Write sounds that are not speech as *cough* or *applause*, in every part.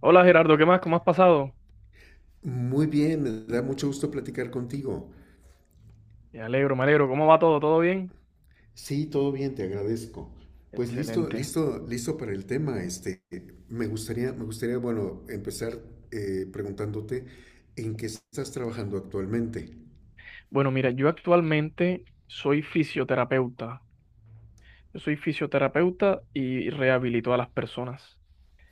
Hola Gerardo, ¿qué más? ¿Cómo has pasado? Muy bien, me da mucho gusto platicar contigo. Me alegro, me alegro. ¿Cómo va todo? ¿Todo bien? Sí, todo bien, te agradezco. Pues listo, Excelente. listo, listo para el tema. Bueno, empezar preguntándote en qué estás trabajando actualmente. Bueno, mira, yo actualmente soy fisioterapeuta. Yo soy fisioterapeuta y rehabilito a las personas.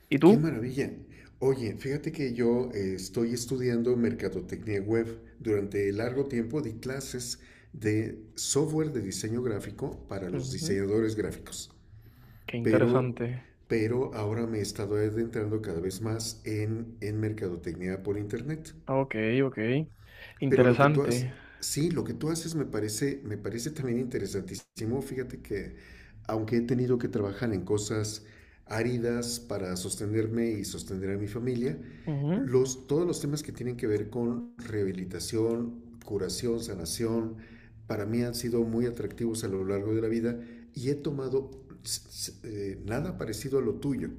¿Y ¡Qué tú? maravilla! Oye, fíjate que yo estoy estudiando mercadotecnia web. Durante largo tiempo di clases de software de diseño gráfico para los Ujú. diseñadores gráficos. Qué pero, interesante. pero ahora me he estado adentrando cada vez más en mercadotecnia por internet. Ok, ok. Pero lo que tú haces, Interesante. sí, lo que tú haces me parece también interesantísimo. Fíjate que aunque he tenido que trabajar en cosas áridas para sostenerme y sostener a mi familia, Ujú. Todos los temas que tienen que ver con rehabilitación, curación, sanación, para mí han sido muy atractivos a lo largo de la vida y he tomado nada parecido a lo tuyo,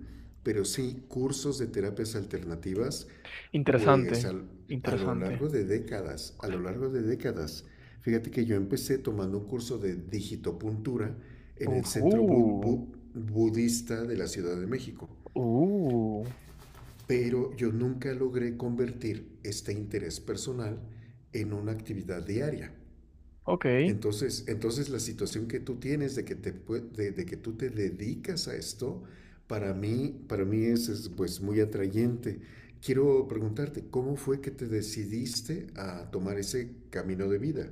pero sí cursos de terapias alternativas Interesante. pues al- a lo Interesante. largo de décadas, fíjate que yo empecé tomando un curso de digitopuntura en el Centro Ujú. Budista de la Ciudad de México, uh, pero yo nunca logré convertir este interés personal en una actividad diaria. ok. Entonces, la situación que tú tienes de de que tú te dedicas a esto, para mí es, pues muy atrayente. Quiero preguntarte, ¿cómo fue que te decidiste a tomar ese camino de vida?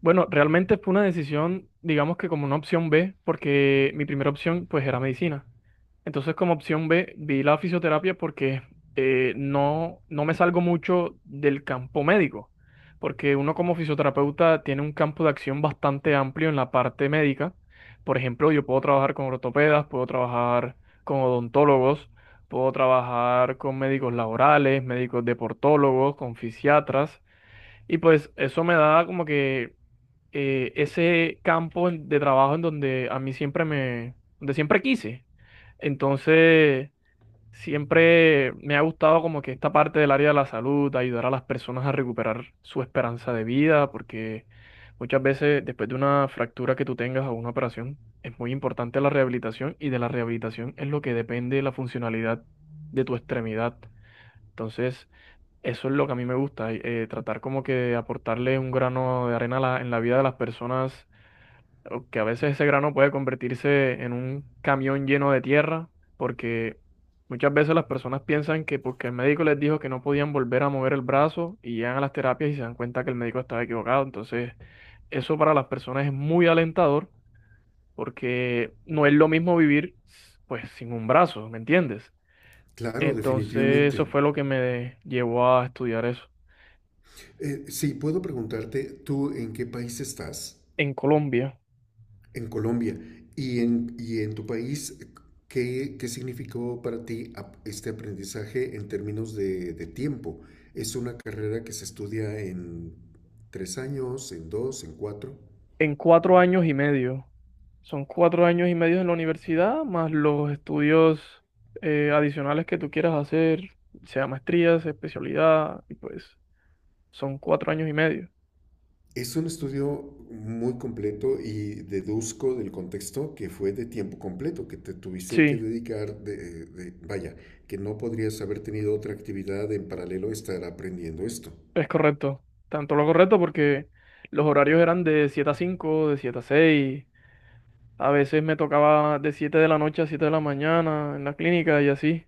Bueno, realmente fue una decisión, digamos que como una opción B, porque mi primera opción pues era medicina. Entonces, como opción B, vi la fisioterapia porque no, no me salgo mucho del campo médico, porque uno como fisioterapeuta tiene un campo de acción bastante amplio en la parte médica. Por ejemplo, yo puedo trabajar con ortopedas, puedo trabajar con odontólogos, puedo trabajar con médicos laborales, médicos deportólogos, con fisiatras, y pues eso me da como que ese campo de trabajo en donde a mí siempre me, donde siempre quise. Entonces, siempre me ha gustado como que esta parte del área de la salud, ayudar a las personas a recuperar su esperanza de vida, porque muchas veces después de una fractura que tú tengas o una operación, es muy importante la rehabilitación y de la rehabilitación es lo que depende la funcionalidad de tu extremidad. Entonces, eso es lo que a mí me gusta, tratar como que de aportarle un grano de arena a en la vida de las personas o que a veces ese grano puede convertirse en un camión lleno de tierra, porque muchas veces las personas piensan que porque el médico les dijo que no podían volver a mover el brazo y llegan a las terapias y se dan cuenta que el médico estaba equivocado. Entonces, eso para las personas es muy alentador porque no es lo mismo vivir pues sin un brazo, ¿me entiendes? Claro, Entonces, definitivamente. eso fue lo que me llevó a estudiar eso Sí, puedo preguntarte, ¿tú en qué país estás? en Colombia. En Colombia. ¿Y y en tu país, qué significó para ti este aprendizaje en términos de tiempo? ¿Es una carrera que se estudia en tres años, en dos, en cuatro? En cuatro años y medio. Son cuatro años y medio en la universidad, más los estudios adicionales que tú quieras hacer, sea maestría, sea especialidad, y pues son cuatro años y medio. Es un estudio muy completo y deduzco del contexto que fue de tiempo completo, que te tuviste que Sí, dedicar, vaya, que no podrías haber tenido otra actividad en paralelo a estar aprendiendo esto. es correcto. Tanto lo correcto porque los horarios eran de 7 a 5, de 7 a 6. A veces me tocaba de 7 de la noche a 7 de la mañana en la clínica y así.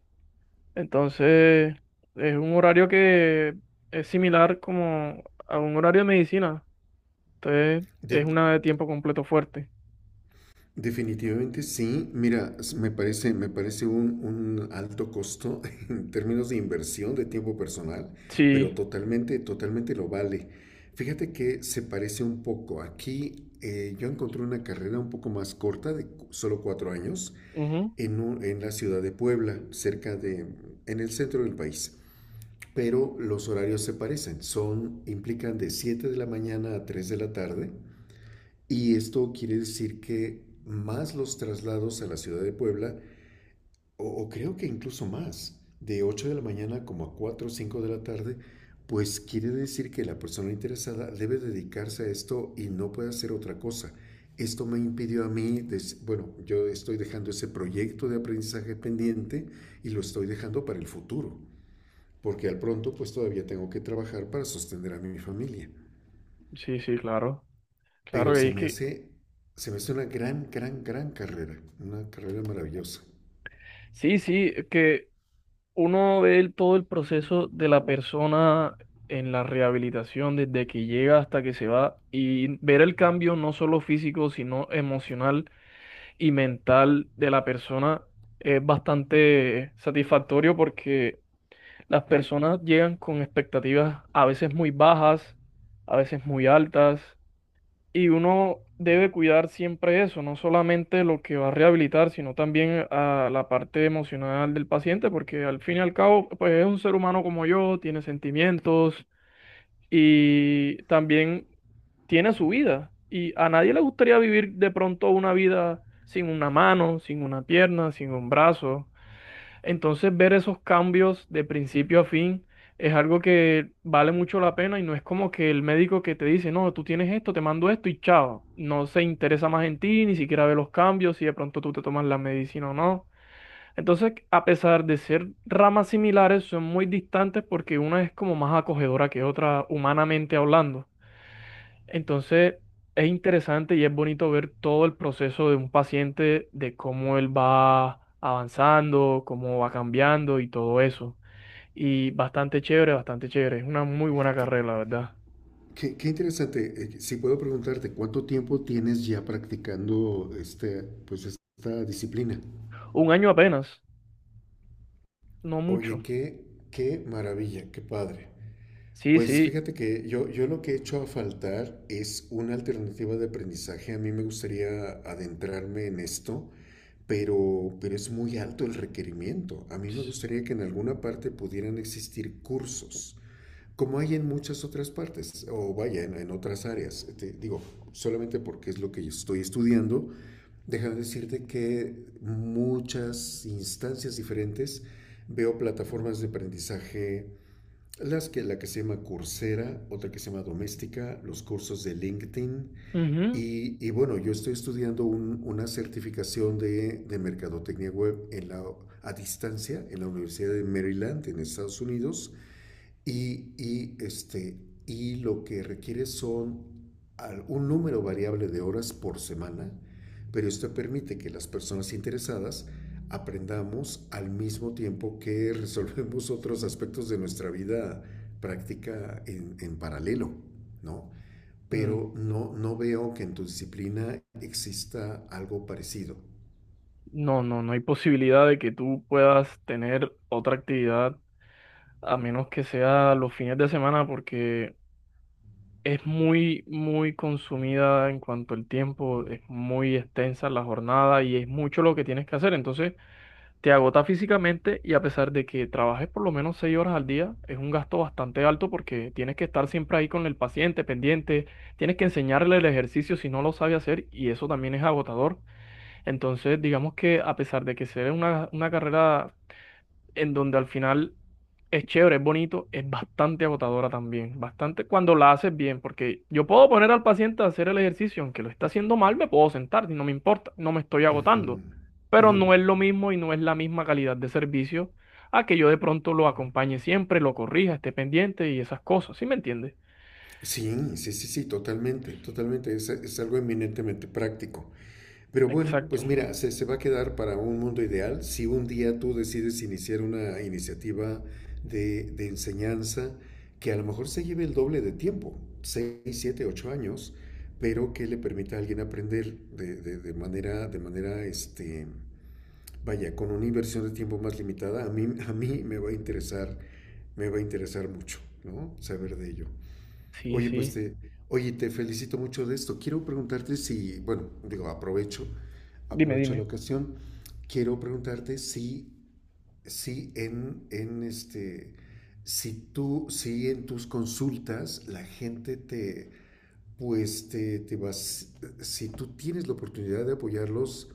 Entonces, es un horario que es similar como a un horario de medicina. Entonces, es De- una de tiempo completo fuerte. Definitivamente sí. Mira, me parece un alto costo *laughs* en términos de inversión de tiempo personal, pero Sí, totalmente, totalmente lo vale. Fíjate que se parece un poco. Aquí yo encontré una carrera un poco más corta, de solo cuatro años, ujú. En la ciudad de Puebla, en el centro del país. Pero los horarios se parecen. Son, implican de 7 de la mañana a 3 de la tarde y esto quiere decir que más los traslados a la ciudad de Puebla, o creo que incluso más, de 8 de la mañana como a 4, o 5 de la tarde, pues quiere decir que la persona interesada debe dedicarse a esto y no puede hacer otra cosa. Esto me impidió a mí, bueno, yo estoy dejando ese proyecto de aprendizaje pendiente y lo estoy dejando para el futuro, porque al pronto pues todavía tengo que trabajar para sostener a mi familia. Sí, sí, claro. pero Claro, y se es me que hace, Se me hace una gran, gran, gran carrera, una carrera maravillosa. sí, sí, es que uno ve todo el proceso de la persona en la rehabilitación, desde que llega hasta que se va, y ver el cambio no solo físico, sino emocional y mental de la persona es bastante satisfactorio porque las personas llegan con expectativas a veces muy bajas, a veces muy altas. Y uno debe cuidar siempre eso, no solamente lo que va a rehabilitar, sino también a la parte emocional del paciente, porque al fin y al cabo, pues es un ser humano como yo, tiene sentimientos y también tiene su vida. Y a nadie le gustaría vivir de pronto una vida sin una mano, sin una pierna, sin un brazo. Entonces, ver esos cambios de principio a fin es algo que vale mucho la pena y no es como que el médico que te dice, no, tú tienes esto, te mando esto y chao. No se interesa más en ti, ni siquiera ve los cambios, si de pronto tú te tomas la medicina o no. Entonces, a pesar de ser ramas similares, son muy distantes porque una es como más acogedora que otra, humanamente hablando. Entonces, es interesante y es bonito ver todo el proceso de un paciente, de cómo él va avanzando, cómo va cambiando y todo eso. Y bastante chévere, bastante chévere. Es una muy buena Qué, carrera, la verdad. Qué interesante. Si puedo preguntarte, ¿cuánto tiempo tienes ya practicando este, pues esta disciplina? Un año apenas, no mucho. Oye, qué maravilla, qué padre. Sí, Pues sí. fíjate que yo lo que he hecho a faltar es una alternativa de aprendizaje. A mí me gustaría adentrarme en esto, pero es muy alto el requerimiento. A mí me ps- gustaría que en alguna parte pudieran existir cursos como hay en muchas otras partes, o vaya, en otras áreas, te digo, solamente porque es lo que yo estoy estudiando, déjame decirte que muchas instancias diferentes veo plataformas de aprendizaje, la que se llama Coursera, otra que se llama Doméstica, los cursos de LinkedIn, ujú. Y bueno, yo estoy estudiando una certificación de mercadotecnia web en la, a distancia en la Universidad de Maryland, en Estados Unidos, y, y, este, y lo que requiere son un número variable de horas por semana, pero esto permite que las personas interesadas aprendamos al mismo tiempo que *laughs* resolvemos otros aspectos de nuestra vida práctica en paralelo, ¿no? mm, Pero no, no veo que en tu disciplina exista algo parecido. No, no, no hay posibilidad de que tú puedas tener otra actividad a menos que sea los fines de semana porque es muy, muy consumida en cuanto al tiempo, es muy extensa la jornada y es mucho lo que tienes que hacer. Entonces, te agota físicamente y a pesar de que trabajes por lo menos seis horas al día, es un gasto bastante alto porque tienes que estar siempre ahí con el paciente pendiente, tienes que enseñarle el ejercicio si no lo sabe hacer y eso también es agotador. Entonces, digamos que a pesar de que sea una carrera en donde al final es chévere, es bonito, es bastante agotadora también, bastante cuando la haces bien, porque yo puedo poner al paciente a hacer el ejercicio, aunque lo está haciendo mal, me puedo sentar y no me importa, no me estoy Ujú, agotando, pero ujú. no es lo mismo y no es la misma calidad de servicio a que yo de pronto lo acompañe siempre, lo corrija, esté pendiente y esas cosas, ¿sí me entiendes? Sí, sí, sí, sí, totalmente, totalmente. Es algo eminentemente práctico. Pero bueno, pues Exacto, mira, se va a quedar para un mundo ideal si un día tú decides iniciar una iniciativa de enseñanza que a lo mejor se lleve el doble de tiempo, 6 7 8 años, pero que le permita a alguien aprender de manera, vaya, con una inversión de tiempo más limitada, a mí me va a interesar, me va a interesar mucho, ¿no? Saber de ello. sí, Oye, sí, oye, te felicito mucho de esto. Quiero preguntarte si, bueno, digo, dime, aprovecho la dime. ocasión. Quiero preguntarte si, si si tú, si en tus consultas la gente te, pues te vas, si si tú tienes la oportunidad de apoyarlos,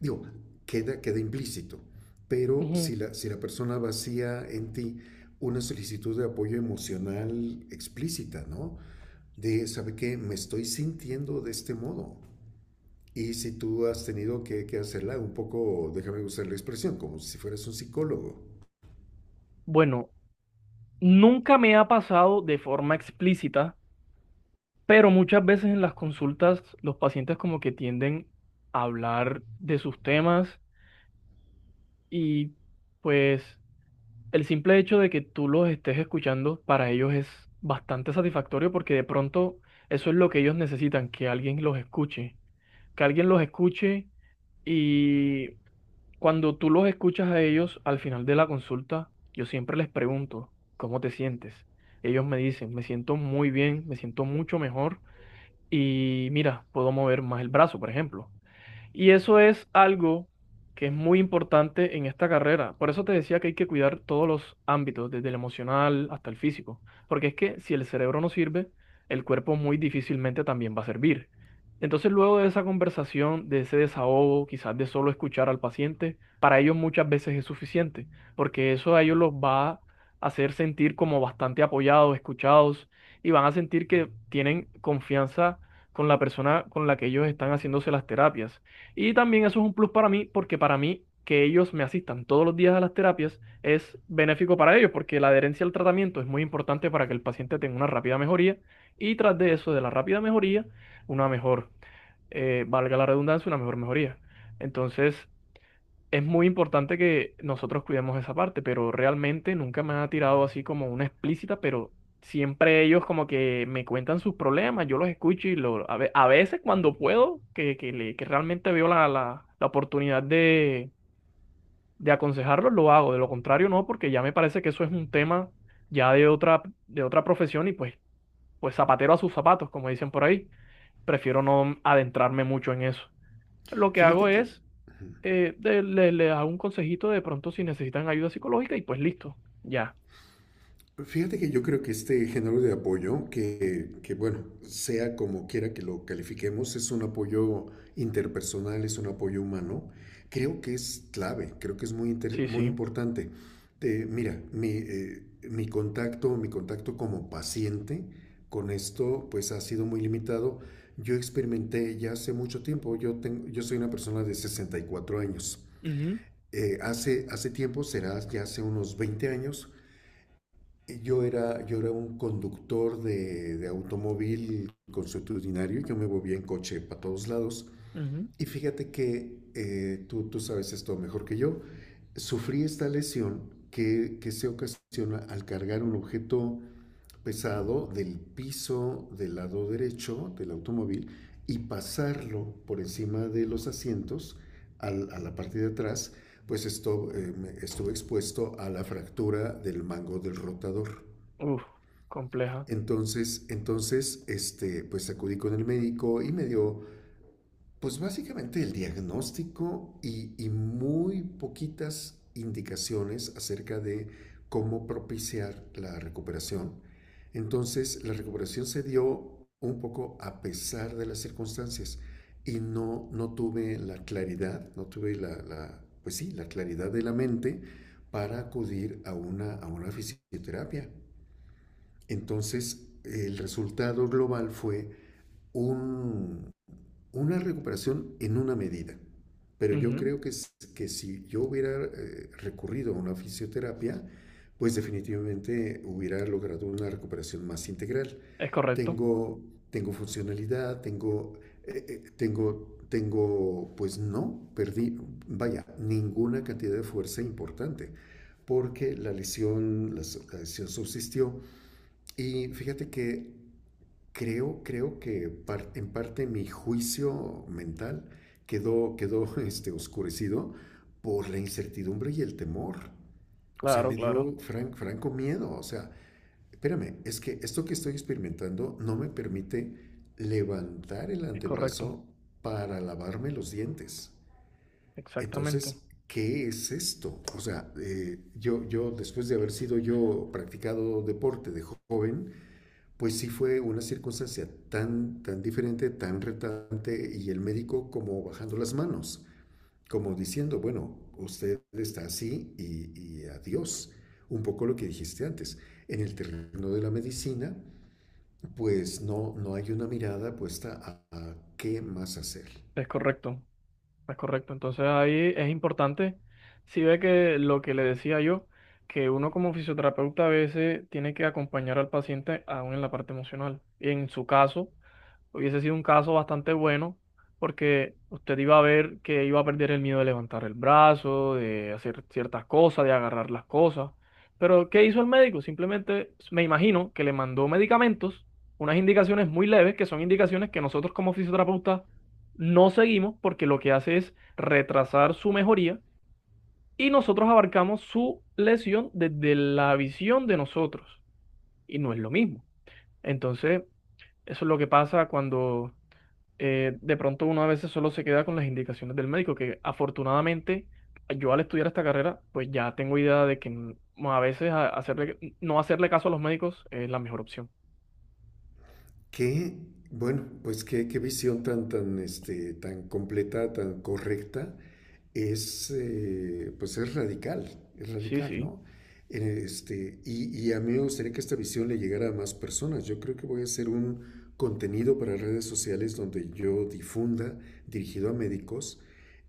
digo, queda implícito. Pero Ujú. Si la persona vacía en ti una solicitud de apoyo emocional explícita, ¿no? De, ¿sabe qué? Me estoy sintiendo de este modo. Y si tú has tenido que hacerla un poco, déjame usar la expresión, como si fueras un psicólogo. Bueno, nunca me ha pasado de forma explícita, pero muchas veces en las consultas los pacientes como que tienden a hablar de sus temas y pues el simple hecho de que tú los estés escuchando para ellos es bastante satisfactorio porque de pronto eso es lo que ellos necesitan, que alguien los escuche, que alguien los escuche y cuando tú los escuchas a ellos al final de la consulta, yo siempre les pregunto, ¿cómo te sientes? Ellos me dicen, me siento muy bien, me siento mucho mejor. Y mira, puedo mover más el brazo, por ejemplo. Y eso es algo que es muy importante en esta carrera. Por eso te decía que hay que cuidar todos los ámbitos, desde el emocional hasta el físico. Porque es que si el cerebro no sirve, el cuerpo muy difícilmente también va a servir. Entonces, luego de esa conversación, de ese desahogo, quizás de solo escuchar al paciente, para ellos muchas veces es suficiente, porque eso a ellos los va a hacer sentir como bastante apoyados, escuchados, y van a sentir que tienen confianza con la persona con la que ellos están haciéndose las terapias. Y también eso es un plus para mí, porque para mí que ellos me asistan todos los días a las terapias es benéfico para ellos, porque la adherencia al tratamiento es muy importante para que el paciente tenga una rápida mejoría y tras de eso, de la rápida mejoría, una mejor, valga la redundancia, una mejor mejoría. Entonces, es muy importante que nosotros cuidemos esa parte, pero realmente nunca me ha tirado así como una explícita, pero siempre ellos como que me cuentan sus problemas, yo los escucho a veces cuando puedo, que realmente veo la oportunidad de aconsejarlos, lo hago, de lo contrario no, porque ya me parece que eso es un tema ya de otra profesión y pues zapatero a sus zapatos, como dicen por ahí, prefiero no adentrarme mucho en eso. Lo que hago Fíjate que es le da un consejito de pronto si necesitan ayuda psicológica y pues listo, ya. Fíjate que yo creo que este género de apoyo, bueno, sea como quiera que lo califiquemos, es un apoyo interpersonal, es un apoyo humano, creo que es clave, creo que es muy, Sí, muy sí. importante. Mi contacto, mi contacto como paciente con esto, pues ha sido muy limitado. Yo experimenté ya hace mucho tiempo, yo soy una persona de 64 años. Ujú, Hace tiempo, será ya hace unos 20 años, yo era un conductor de automóvil consuetudinario, yo me movía en coche para todos lados. ujú. Y fíjate que tú sabes esto mejor que yo, sufrí esta lesión que se ocasiona al cargar un objeto pesado del piso del lado derecho del automóvil y pasarlo por encima de los asientos a la parte de atrás, pues esto, estuve expuesto a la fractura del mango del rotador. Uf, compleja. Entonces, pues acudí con el médico pues básicamente el diagnóstico y muy poquitas indicaciones acerca de cómo propiciar la recuperación. Entonces, la recuperación se dio un poco a pesar de las circunstancias y no, no tuve la claridad, no tuve la, la- pues sí, la claridad de la mente para acudir a a una fisioterapia. Entonces, el resultado global fue un, una recuperación en una medida. Pero yo Ujú. creo que si yo hubiera recurrido a una fisioterapia, pues definitivamente hubiera logrado una recuperación más integral. Es correcto. Tengo, Tengo funcionalidad, tengo, pues no, vaya, ninguna cantidad de fuerza importante, porque la lesión subsistió, y fíjate que creo que en parte mi juicio mental quedó *laughs* oscurecido por la incertidumbre y el temor. O sea, Claro, me claro. dio franco miedo. O sea, espérame, es que esto que estoy experimentando no me permite levantar el Es correcto. antebrazo para lavarme los dientes. Exactamente. Entonces, ¿qué es esto? O sea, yo después de haber sido yo practicado deporte de joven, pues sí fue una circunstancia tan, tan diferente, tan retante, y el médico como bajando las manos, como diciendo, bueno, usted está así y adiós. Un poco lo que dijiste antes. En el terreno de la medicina, pues no, no hay una mirada puesta a qué más hacer. Es correcto. Es correcto. Entonces ahí es importante, si ve que lo que le decía yo, que uno como fisioterapeuta a veces tiene que acompañar al paciente aún en la parte emocional. Y en su caso, hubiese sido un caso bastante bueno porque usted iba a ver que iba a perder el miedo de levantar el brazo, de hacer ciertas cosas, de agarrar las cosas. Pero ¿qué hizo el médico? Simplemente me imagino que le mandó medicamentos, unas indicaciones muy leves, que son indicaciones que nosotros como fisioterapeutas no seguimos porque lo que hace es retrasar su mejoría y nosotros abarcamos su lesión desde la visión de nosotros y no es lo mismo. Entonces, eso es lo que pasa cuando de pronto uno a veces solo se queda con las indicaciones del médico, que afortunadamente yo al estudiar esta carrera, pues ya tengo idea de que a veces hacerle, no hacerle caso a los médicos es la mejor opción. Qué, bueno, pues qué visión tan, tan completa, tan correcta. Pues es Sí, radical, sí, ¿no? Y a mí me gustaría que esta visión le llegara a más personas. Yo creo que voy a hacer un contenido para redes sociales donde yo difunda, dirigido a médicos,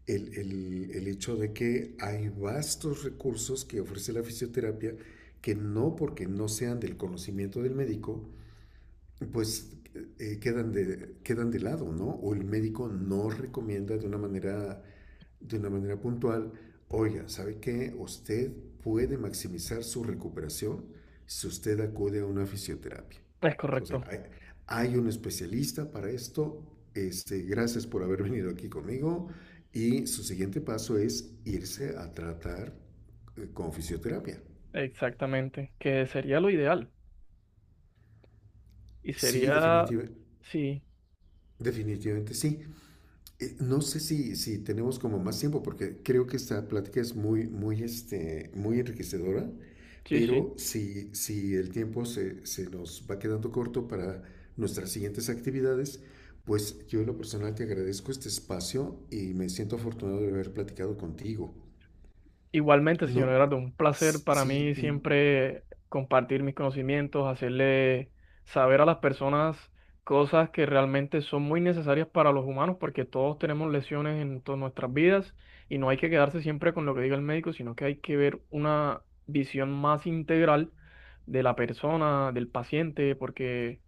el hecho de que hay vastos recursos que ofrece la fisioterapia que no porque no sean del conocimiento del médico, pues quedan de lado, ¿no? O el médico no recomienda de una manera puntual, oiga, ¿sabe qué? Usted puede maximizar su recuperación si usted acude a una fisioterapia. es O sea, correcto, hay un especialista para esto. Gracias por haber venido aquí conmigo. Y su siguiente paso es irse a tratar con fisioterapia. exactamente, que sería lo ideal y Sí, sería, definitiva- sí, Definitivamente sí. No sé si tenemos como más tiempo, porque creo que esta plática es muy, muy enriquecedora, sí, sí. pero si el tiempo se nos va quedando corto para nuestras siguientes actividades, pues yo en lo personal te agradezco este espacio y me siento afortunado de haber platicado contigo. Igualmente, señor No, Gerardo, un placer s- para sí, mí mm, siempre compartir mis conocimientos, hacerle saber a las personas cosas que realmente son muy necesarias para los humanos, porque todos tenemos lesiones en todas nuestras vidas y no hay que quedarse siempre con lo que diga el médico, sino que hay que ver una visión más integral de la persona, del paciente, porque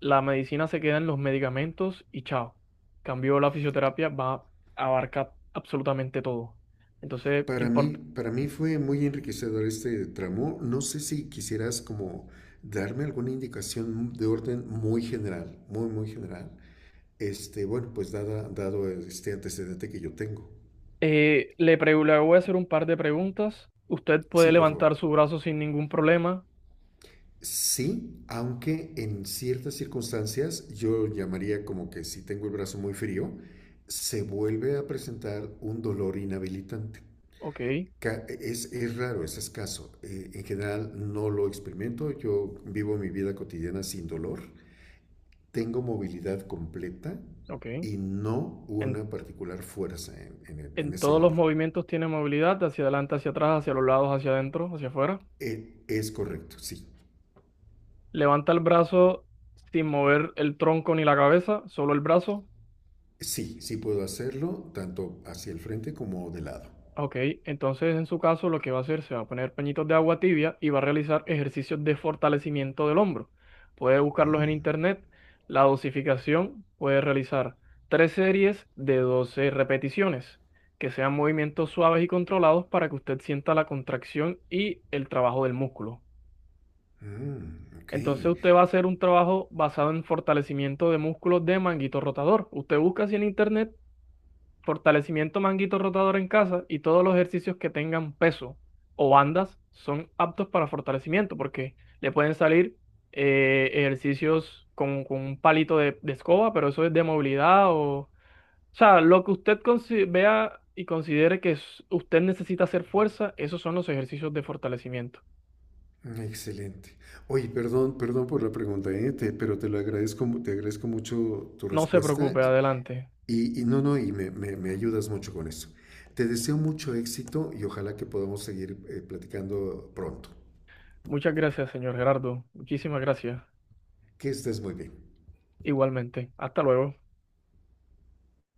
la medicina se queda en los medicamentos y chao. Cambio la fisioterapia va a abarcar absolutamente todo. Entonces, importa para mí fue muy enriquecedor este tramo. No sé si quisieras como darme alguna indicación de orden muy general, muy general. Dado este antecedente que yo tengo. Le voy a hacer un par de preguntas. Usted puede Sí, por favor. levantar su brazo sin ningún problema. Sí, aunque en ciertas circunstancias yo llamaría como que si tengo el brazo muy frío, se vuelve a presentar un dolor inhabilitante. Ok, Es raro, es escaso. En general no lo experimento. Yo vivo mi vida cotidiana sin dolor. Tengo movilidad completa ok. y no En, una particular fuerza en en ese todos los hombro. movimientos tiene movilidad, hacia adelante, hacia atrás, hacia los lados, hacia adentro, hacia afuera. Es correcto, sí. Levanta el brazo sin mover el tronco ni la cabeza, solo el brazo. Sí, sí puedo hacerlo tanto hacia el frente como de lado. Ok, entonces en su caso lo que va a hacer se va a poner pañitos de agua tibia y va a realizar ejercicios de fortalecimiento del hombro. Puede buscarlos en internet. La dosificación puede realizar tres series de 12 repeticiones, que sean movimientos suaves y controlados para que usted sienta la contracción y el trabajo del músculo. Mm, ok. Entonces usted va a hacer un trabajo basado en fortalecimiento de músculos de manguito rotador. Usted busca así en internet fortalecimiento manguito rotador en casa y todos los ejercicios que tengan peso o bandas son aptos para fortalecimiento porque le pueden salir ejercicios con un palito de escoba, pero eso es de movilidad o... O sea, lo que usted vea y considere que usted necesita hacer fuerza, esos son los ejercicios de fortalecimiento. Mm, excelente. Oye, perdón, perdón por la pregunta, pero te lo agradezco, te agradezco mucho tu No se respuesta. preocupe, adelante. Y no, no, y me- Me ayudas mucho con eso. Te deseo mucho éxito y ojalá que podamos seguir platicando pronto. Muchas gracias, señor Gerardo. Muchísimas gracias. Que estés muy bien. Igualmente. Hasta luego.